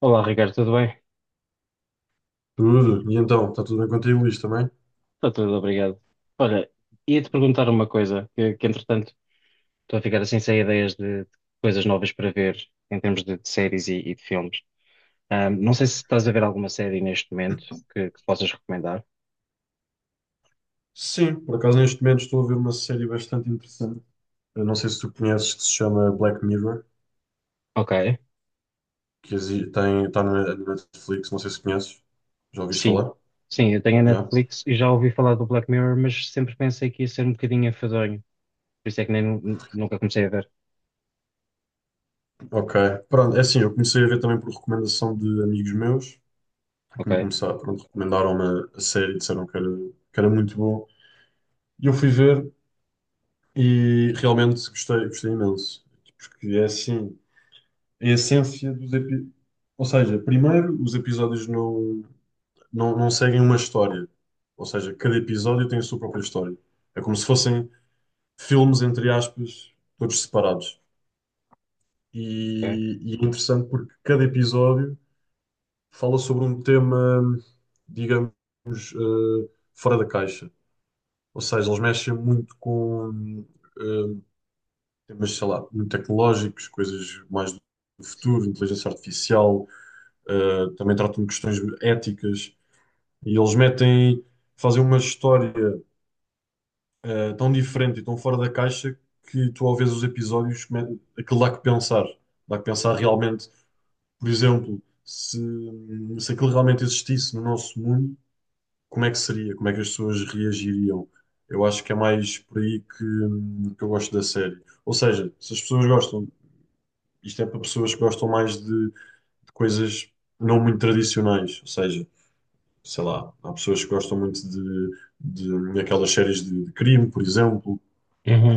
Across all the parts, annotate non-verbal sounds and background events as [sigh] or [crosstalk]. Olá, Ricardo, tudo bem? Tudo. E então, está tudo bem contigo, Luís, também? Está tudo, obrigado. Olha, ia-te perguntar uma coisa, que, entretanto estou a ficar assim sem ideias de coisas novas para ver em termos de séries e de filmes. Não sei se estás a ver alguma série neste momento que possas recomendar. Sim, por acaso neste momento estou a ver uma série bastante interessante. Eu não sei se tu conheces, que se chama Black Mirror, Ok, que tem, está na Netflix, não sei se conheces. Já ouviste sim. falar? Sim, eu tenho a Já? Netflix e já ouvi falar do Black Mirror, mas sempre pensei que ia ser um bocadinho enfadonho, por isso é que nem, nunca comecei a ver. Ok. Pronto, é assim, eu comecei a ver também por recomendação de amigos meus, que Ok, me começaram, pronto, recomendaram-me a série, disseram que era muito bom. E eu fui ver e realmente gostei, gostei imenso. Porque é assim, a essência dos episódios. Ou seja, primeiro, os episódios não, não, não seguem uma história. Ou seja, cada episódio tem a sua própria história. É como se fossem filmes, entre aspas, todos separados. ok. E é interessante porque cada episódio fala sobre um tema, digamos, fora da caixa. Ou seja, eles mexem muito com eh, temas, sei lá, muito tecnológicos, coisas mais do futuro, inteligência artificial. Também tratam de questões éticas e eles metem, fazem uma história tão diferente e tão fora da caixa que tu ao ver os aquilo dá que pensar realmente. Por exemplo, se aquilo realmente existisse no nosso mundo, como é que seria? Como é que as pessoas reagiriam? Eu acho que é mais por aí que eu gosto da série. Ou seja, se as pessoas gostam, isto é para pessoas que gostam mais de coisas não muito tradicionais. Ou seja, sei lá, há pessoas que gostam muito daquelas séries de crime, por exemplo,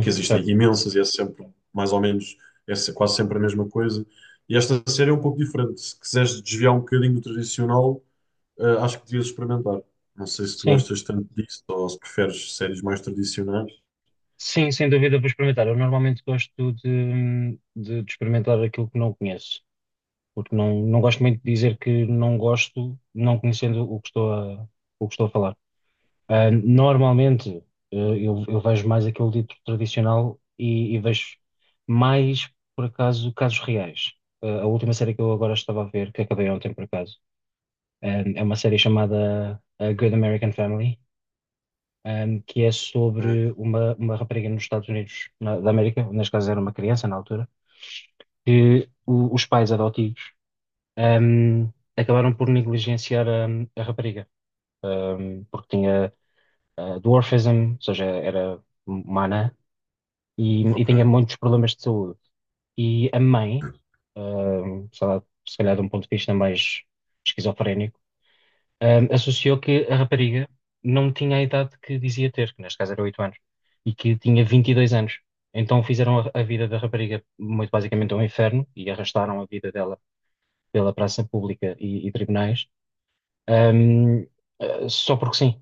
que existem certo. imensas e é sempre mais ou menos, é quase sempre a mesma coisa. E esta série é um pouco diferente. Se quiseres desviar um bocadinho do tradicional, acho que devias experimentar. Não sei se tu Sim, gostas tanto disso ou se preferes séries mais tradicionais. sim, sem dúvida vou experimentar. Eu normalmente gosto de experimentar aquilo que não conheço, porque não gosto muito de dizer que não gosto, não conhecendo o que estou a falar. Normalmente, eh, eu vejo mais aquele dito tradicional e vejo mais, por acaso, casos reais. A última série que eu agora estava a ver, que acabei ontem, por acaso, ah, é uma série chamada A Good American Family que é É, sobre uma rapariga nos Estados Unidos da América, neste caso era uma criança na altura, que os pais adotivos acabaram por negligenciar a rapariga, porque tinha dwarfism, ou seja, era uma anã, e ok. tinha muitos problemas de saúde. E a mãe, sei lá, se calhar de um ponto de vista mais esquizofrénico, associou que a rapariga não tinha a idade que dizia ter, que neste caso era 8 anos, e que tinha 22 anos. Então fizeram a vida da rapariga muito basicamente um inferno e arrastaram a vida dela pela praça pública e tribunais, ahm, só porque sim.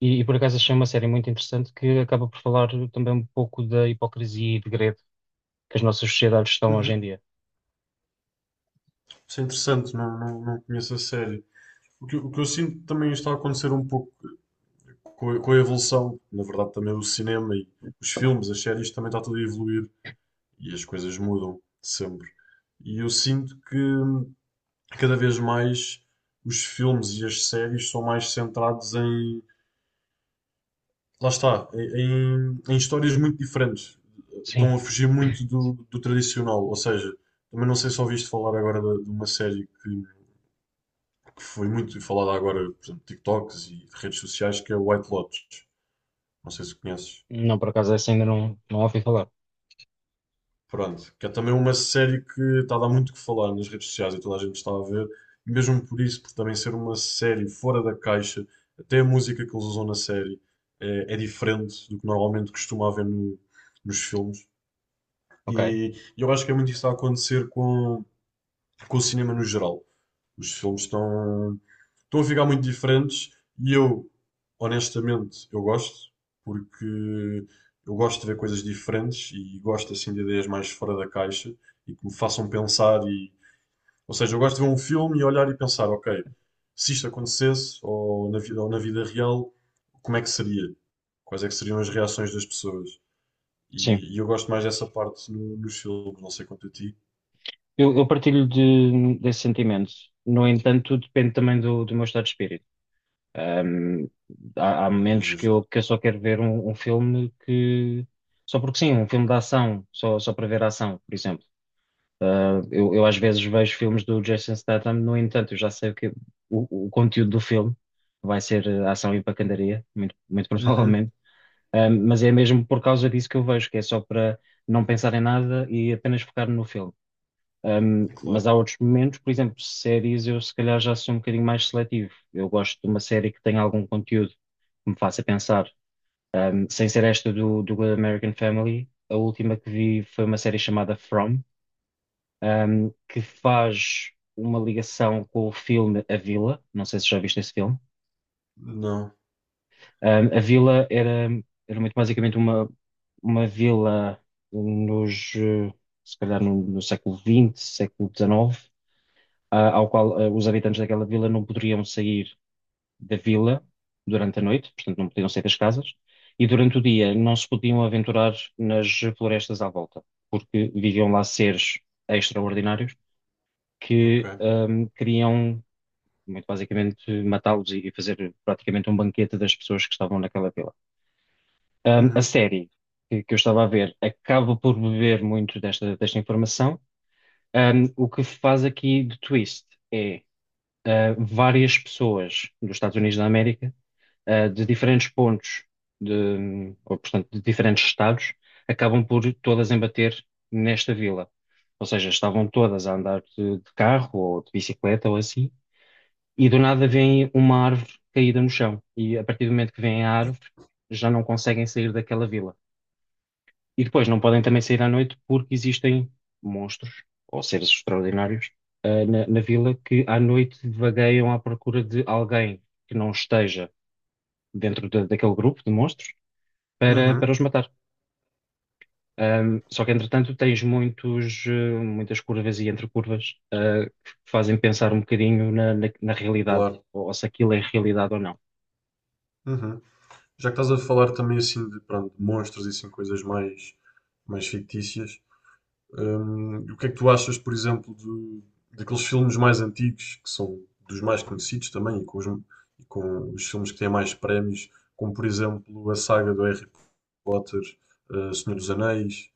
E por acaso achei uma série muito interessante que acaba por falar também um pouco da hipocrisia e degredo que as nossas sociedades estão hoje Uhum. em dia. Isso é interessante, não conheço a série. O que eu sinto que também está a acontecer um pouco com com a evolução, na verdade, também o cinema e os filmes, as séries, também está tudo a evoluir e as coisas mudam sempre. E eu sinto que cada vez mais os filmes e as séries são mais centrados lá está, em histórias muito diferentes. Sim, Estão a fugir muito do tradicional. Ou seja, também não sei se ouviste falar agora de uma que foi muito falada agora, por exemplo, TikToks e redes sociais, que é White Lotus. Não sei se conheces. não, por acaso essa ainda não ouvi falar. Pronto, que é também uma série que está a dar muito o que falar nas redes sociais e toda a gente está a ver, e mesmo por isso, por também ser uma série fora da caixa, até a música que eles usam na série é, é diferente do que normalmente costuma haver nos filmes. Ok, E eu acho que é muito isso a acontecer com o cinema no geral. Os filmes estão, estão a ficar muito diferentes e eu, honestamente, eu gosto, porque eu gosto de ver coisas diferentes e gosto assim de ideias mais fora da caixa e que me façam pensar ou seja, eu gosto de ver um filme e olhar e pensar, ok, se isto acontecesse ou na vida real, como é que seria? Quais é que seriam as reações das pessoas? sim, E eu gosto mais dessa parte nos filmes, não sei quanto a ti, Eu partilho desse sentimento. No entanto, depende também do meu estado de espírito. Ahm, há é momentos que justo. eu, que eu só quero ver um, filme que. Só porque sim, um filme de ação, só para ver a ação, por exemplo. Eu às vezes vejo filmes do Jason Statham, no entanto, eu já sei o conteúdo do filme. Vai ser ação e pancadaria, muito, muito [laughs] Uhum, provavelmente. Mas é mesmo por causa disso que eu vejo, que é só para não pensar em nada e apenas focar no filme. Mas claro. há outros momentos, por exemplo, séries, eu se calhar já sou um bocadinho mais seletivo. Eu gosto de uma série que tenha algum conteúdo que me faça pensar. Sem ser esta do Good American Family, a última que vi foi uma série chamada From, que faz uma ligação com o filme A Vila. Não sei se já viste esse filme. Não, A Vila era muito basicamente uma vila nos, eh, se calhar no século XX, século XIX. Ao qual os habitantes daquela vila não poderiam sair da vila durante a noite, portanto não podiam sair das casas, e durante o dia não se podiam aventurar nas florestas à volta, porque viviam lá seres extraordinários ok. que queriam, muito basicamente, matá-los e fazer praticamente um banquete das pessoas que estavam naquela vila. A Uhum. série que eu estava a ver acaba por beber muito desta informação. O que faz aqui de twist é várias pessoas dos Estados Unidos da América, de diferentes pontos, ou, portanto, de diferentes estados, acabam por todas embater nesta vila. Ou seja, estavam todas a andar de carro ou de bicicleta ou assim, e do nada vem uma árvore caída no chão. E a partir do momento que vem a árvore, já não conseguem sair daquela vila. E depois não podem também sair à noite porque existem monstros ou seres extraordinários na vila que à noite vagueiam à procura de alguém que não esteja dentro daquele grupo de monstros para Uhum, os matar. Só que entretanto tens muitas curvas e entre curvas que fazem pensar um bocadinho na realidade claro. ou se aquilo é realidade ou não. Uhum. Já que estás a falar também assim de, pronto, de monstros e assim coisas mais, mais fictícias, o que é que tu achas, por exemplo, daqueles filmes mais antigos, que são dos mais conhecidos também, e com e com os filmes que têm mais prémios, como por exemplo a saga do Harry Potter, Senhor dos Anéis.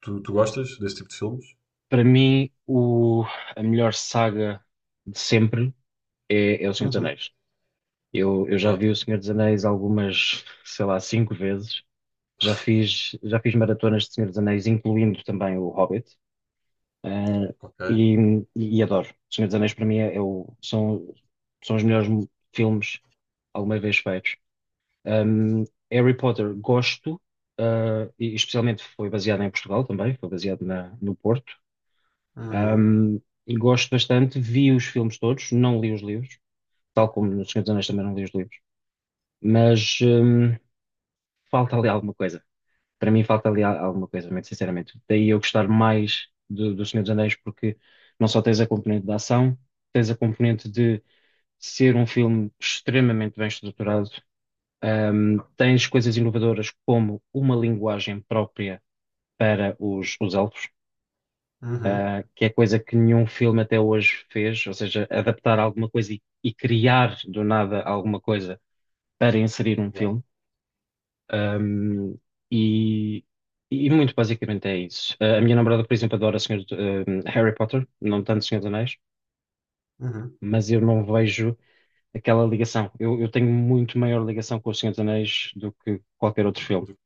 Tu gostas desse tipo de filmes? Para mim, a melhor saga de sempre é O Senhor dos Uhum. Anéis. Eu já vi O Ótimo. Senhor dos Anéis algumas, sei lá, cinco vezes. Já fiz maratonas de Senhor dos Anéis, incluindo também o Hobbit. Ah, Ok. e, e adoro. O Senhor dos Anéis, para mim, é são os melhores filmes alguma vez feitos. Ahm, Harry Potter, gosto, e especialmente foi baseado em Portugal também, foi baseado no Porto. Uhum. Ahm, e gosto bastante, vi os filmes todos, não li os livros, tal como no Senhor dos Anéis também não li os livros. Mas falta ali alguma coisa. Para mim falta ali alguma coisa, muito sinceramente. Daí eu gostar mais do Senhor dos Anéis, porque não só tens a componente da ação, tens a componente de ser um filme extremamente bem estruturado, tens coisas inovadoras como uma linguagem própria para os elfos, Uhum. que é coisa que nenhum filme até hoje fez, ou seja, adaptar alguma coisa e criar do nada alguma coisa para inserir um Claro. filme. Um, e, e muito basicamente é isso. A minha namorada, por exemplo, adora Harry Potter, não tanto Senhor dos Anéis, Uhum. mas eu não vejo aquela ligação. Eu tenho muito maior ligação com o Senhor dos Anéis do que qualquer outro filme. Do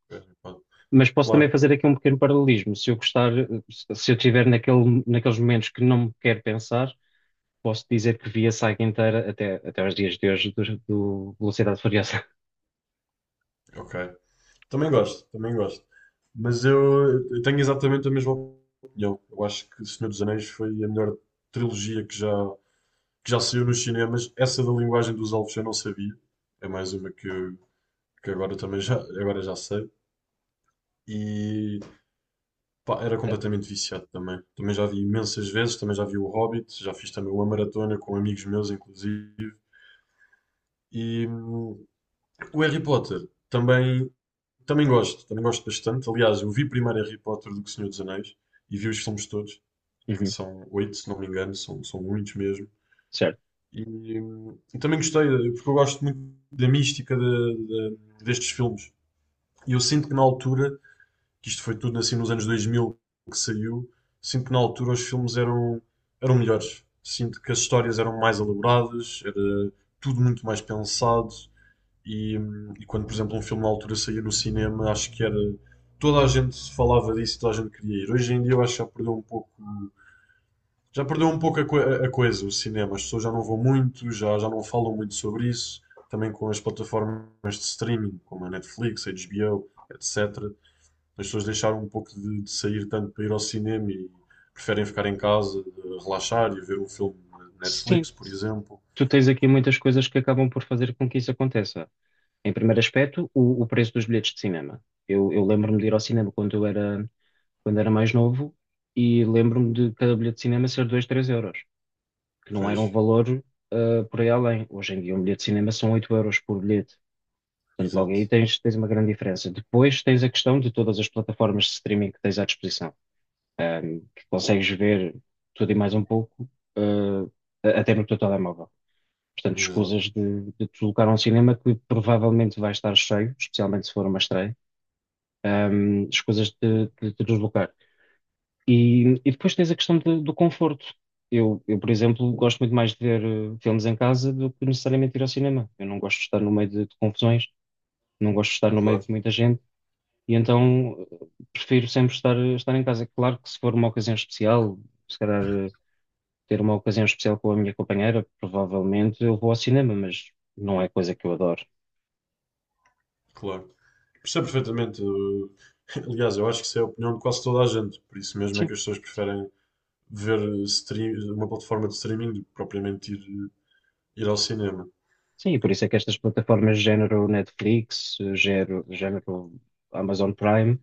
Mas posso também claro. fazer aqui um pequeno paralelismo. Se eu tiver naqueles momentos que não me quero pensar, posso dizer que vi a saga inteira até aos dias de hoje do Velocidade Furiosa. [laughs] Ok. Também gosto, também gosto. Mas eu tenho exatamente a mesma opinião. Eu acho que Senhor dos Anéis foi a melhor trilogia que já, que já saiu nos cinemas. Essa da linguagem dos elfos eu não sabia. É mais uma que agora também já, agora já sei. E pá, era completamente viciado também. Também já vi imensas vezes, também já vi o Hobbit, já fiz também uma maratona com amigos meus, inclusive. E o Harry Potter também, também gosto, também gosto bastante. Aliás, eu vi primeiro Harry Potter do que Senhor dos Anéis e vi os filmes todos, que Uhum, são oito, se não me engano, são, são muitos mesmo. certo. E, também gostei, porque eu gosto muito da mística destes filmes. E eu sinto que na altura, que isto foi tudo assim nos anos 2000 que saiu, sinto que na altura os filmes eram, eram melhores. Sinto que as histórias eram mais elaboradas, era tudo muito mais pensado. E quando, por exemplo, um filme na altura saía no cinema, acho que era. Toda a gente falava disso, toda a gente queria ir. Hoje em dia eu acho que já perdeu um pouco. Já perdeu um pouco coisa, o cinema. As pessoas já não vão muito, já, já não falam muito sobre isso. Também com as plataformas de streaming, como a Netflix, a HBO, etc. As pessoas deixaram um pouco de sair tanto para ir ao cinema e preferem ficar em casa, relaxar e ver um filme na Sim, Netflix, por exemplo. tu tens aqui muitas coisas que acabam por fazer com que isso aconteça. Em primeiro aspecto, o preço dos bilhetes de cinema. Eu lembro-me de ir ao cinema quando era mais novo e lembro-me de cada bilhete de cinema ser 2, 3 euros, que não Pois, era um valor por aí além. Hoje em dia, um bilhete de cinema são 8 euros por bilhete. Portanto, logo exato, aí tens uma grande diferença. Depois tens a questão de todas as plataformas de streaming que tens à disposição, que consegues ver tudo e mais um pouco, ah, até no teu telemóvel. Portanto, exato. escusas de te deslocar a um cinema que provavelmente vai estar cheio, especialmente se for uma estreia, escusas de te deslocar. E depois tens a questão do conforto. Eu, por exemplo, gosto muito mais de ver filmes em casa do que necessariamente ir ao cinema. Eu não gosto de estar no meio de confusões, não gosto de estar no meio Claro, de muita gente, e então prefiro sempre estar em casa. Claro que se for uma ocasião especial, se calhar ter uma ocasião especial com a minha companheira, provavelmente eu vou ao cinema, mas não é coisa que eu adoro. claro. Percebo perfeitamente. Eu- [laughs] Aliás, eu acho que isso é a opinião de quase toda a gente. Por isso mesmo é Sim, que as pessoas preferem ver uma plataforma de streaming do que propriamente ir, ir ao cinema. sim, e por isso é que estas plataformas género Netflix, género Amazon Prime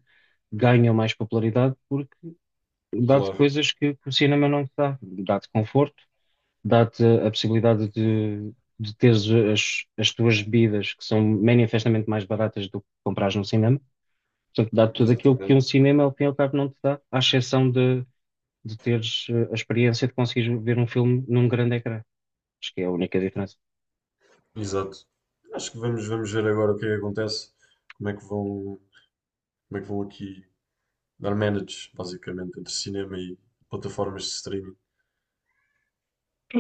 ganham mais popularidade porque dá-te Claro, coisas que o cinema não te dá. Dá-te conforto, dá-te a possibilidade de teres as tuas bebidas que são manifestamente mais baratas do que comprares no cinema. Portanto, dá-te tudo aquilo que exatamente. um cinema, ao fim e ao cabo, não te dá, à exceção de teres a experiência de conseguires ver um filme num grande ecrã. Acho que é a única diferença. Exato. Acho que vamos, vamos ver agora o que é que acontece, como é que vão, como é que vão aqui dar manage, basicamente, entre cinema e plataformas de streaming.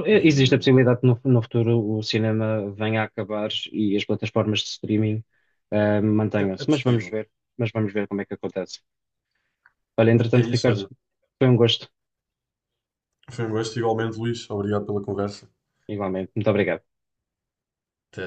É, E existe a possibilidade que no futuro o cinema venha a acabar e as plataformas de streaming é, é mantenham-se, mas vamos possível. ver, como é que acontece. Olha, É entretanto, isso, Ricardo, olha. foi um gosto, Foi um gosto igualmente, Luís. Obrigado pela conversa. igualmente. Muito obrigado. Até.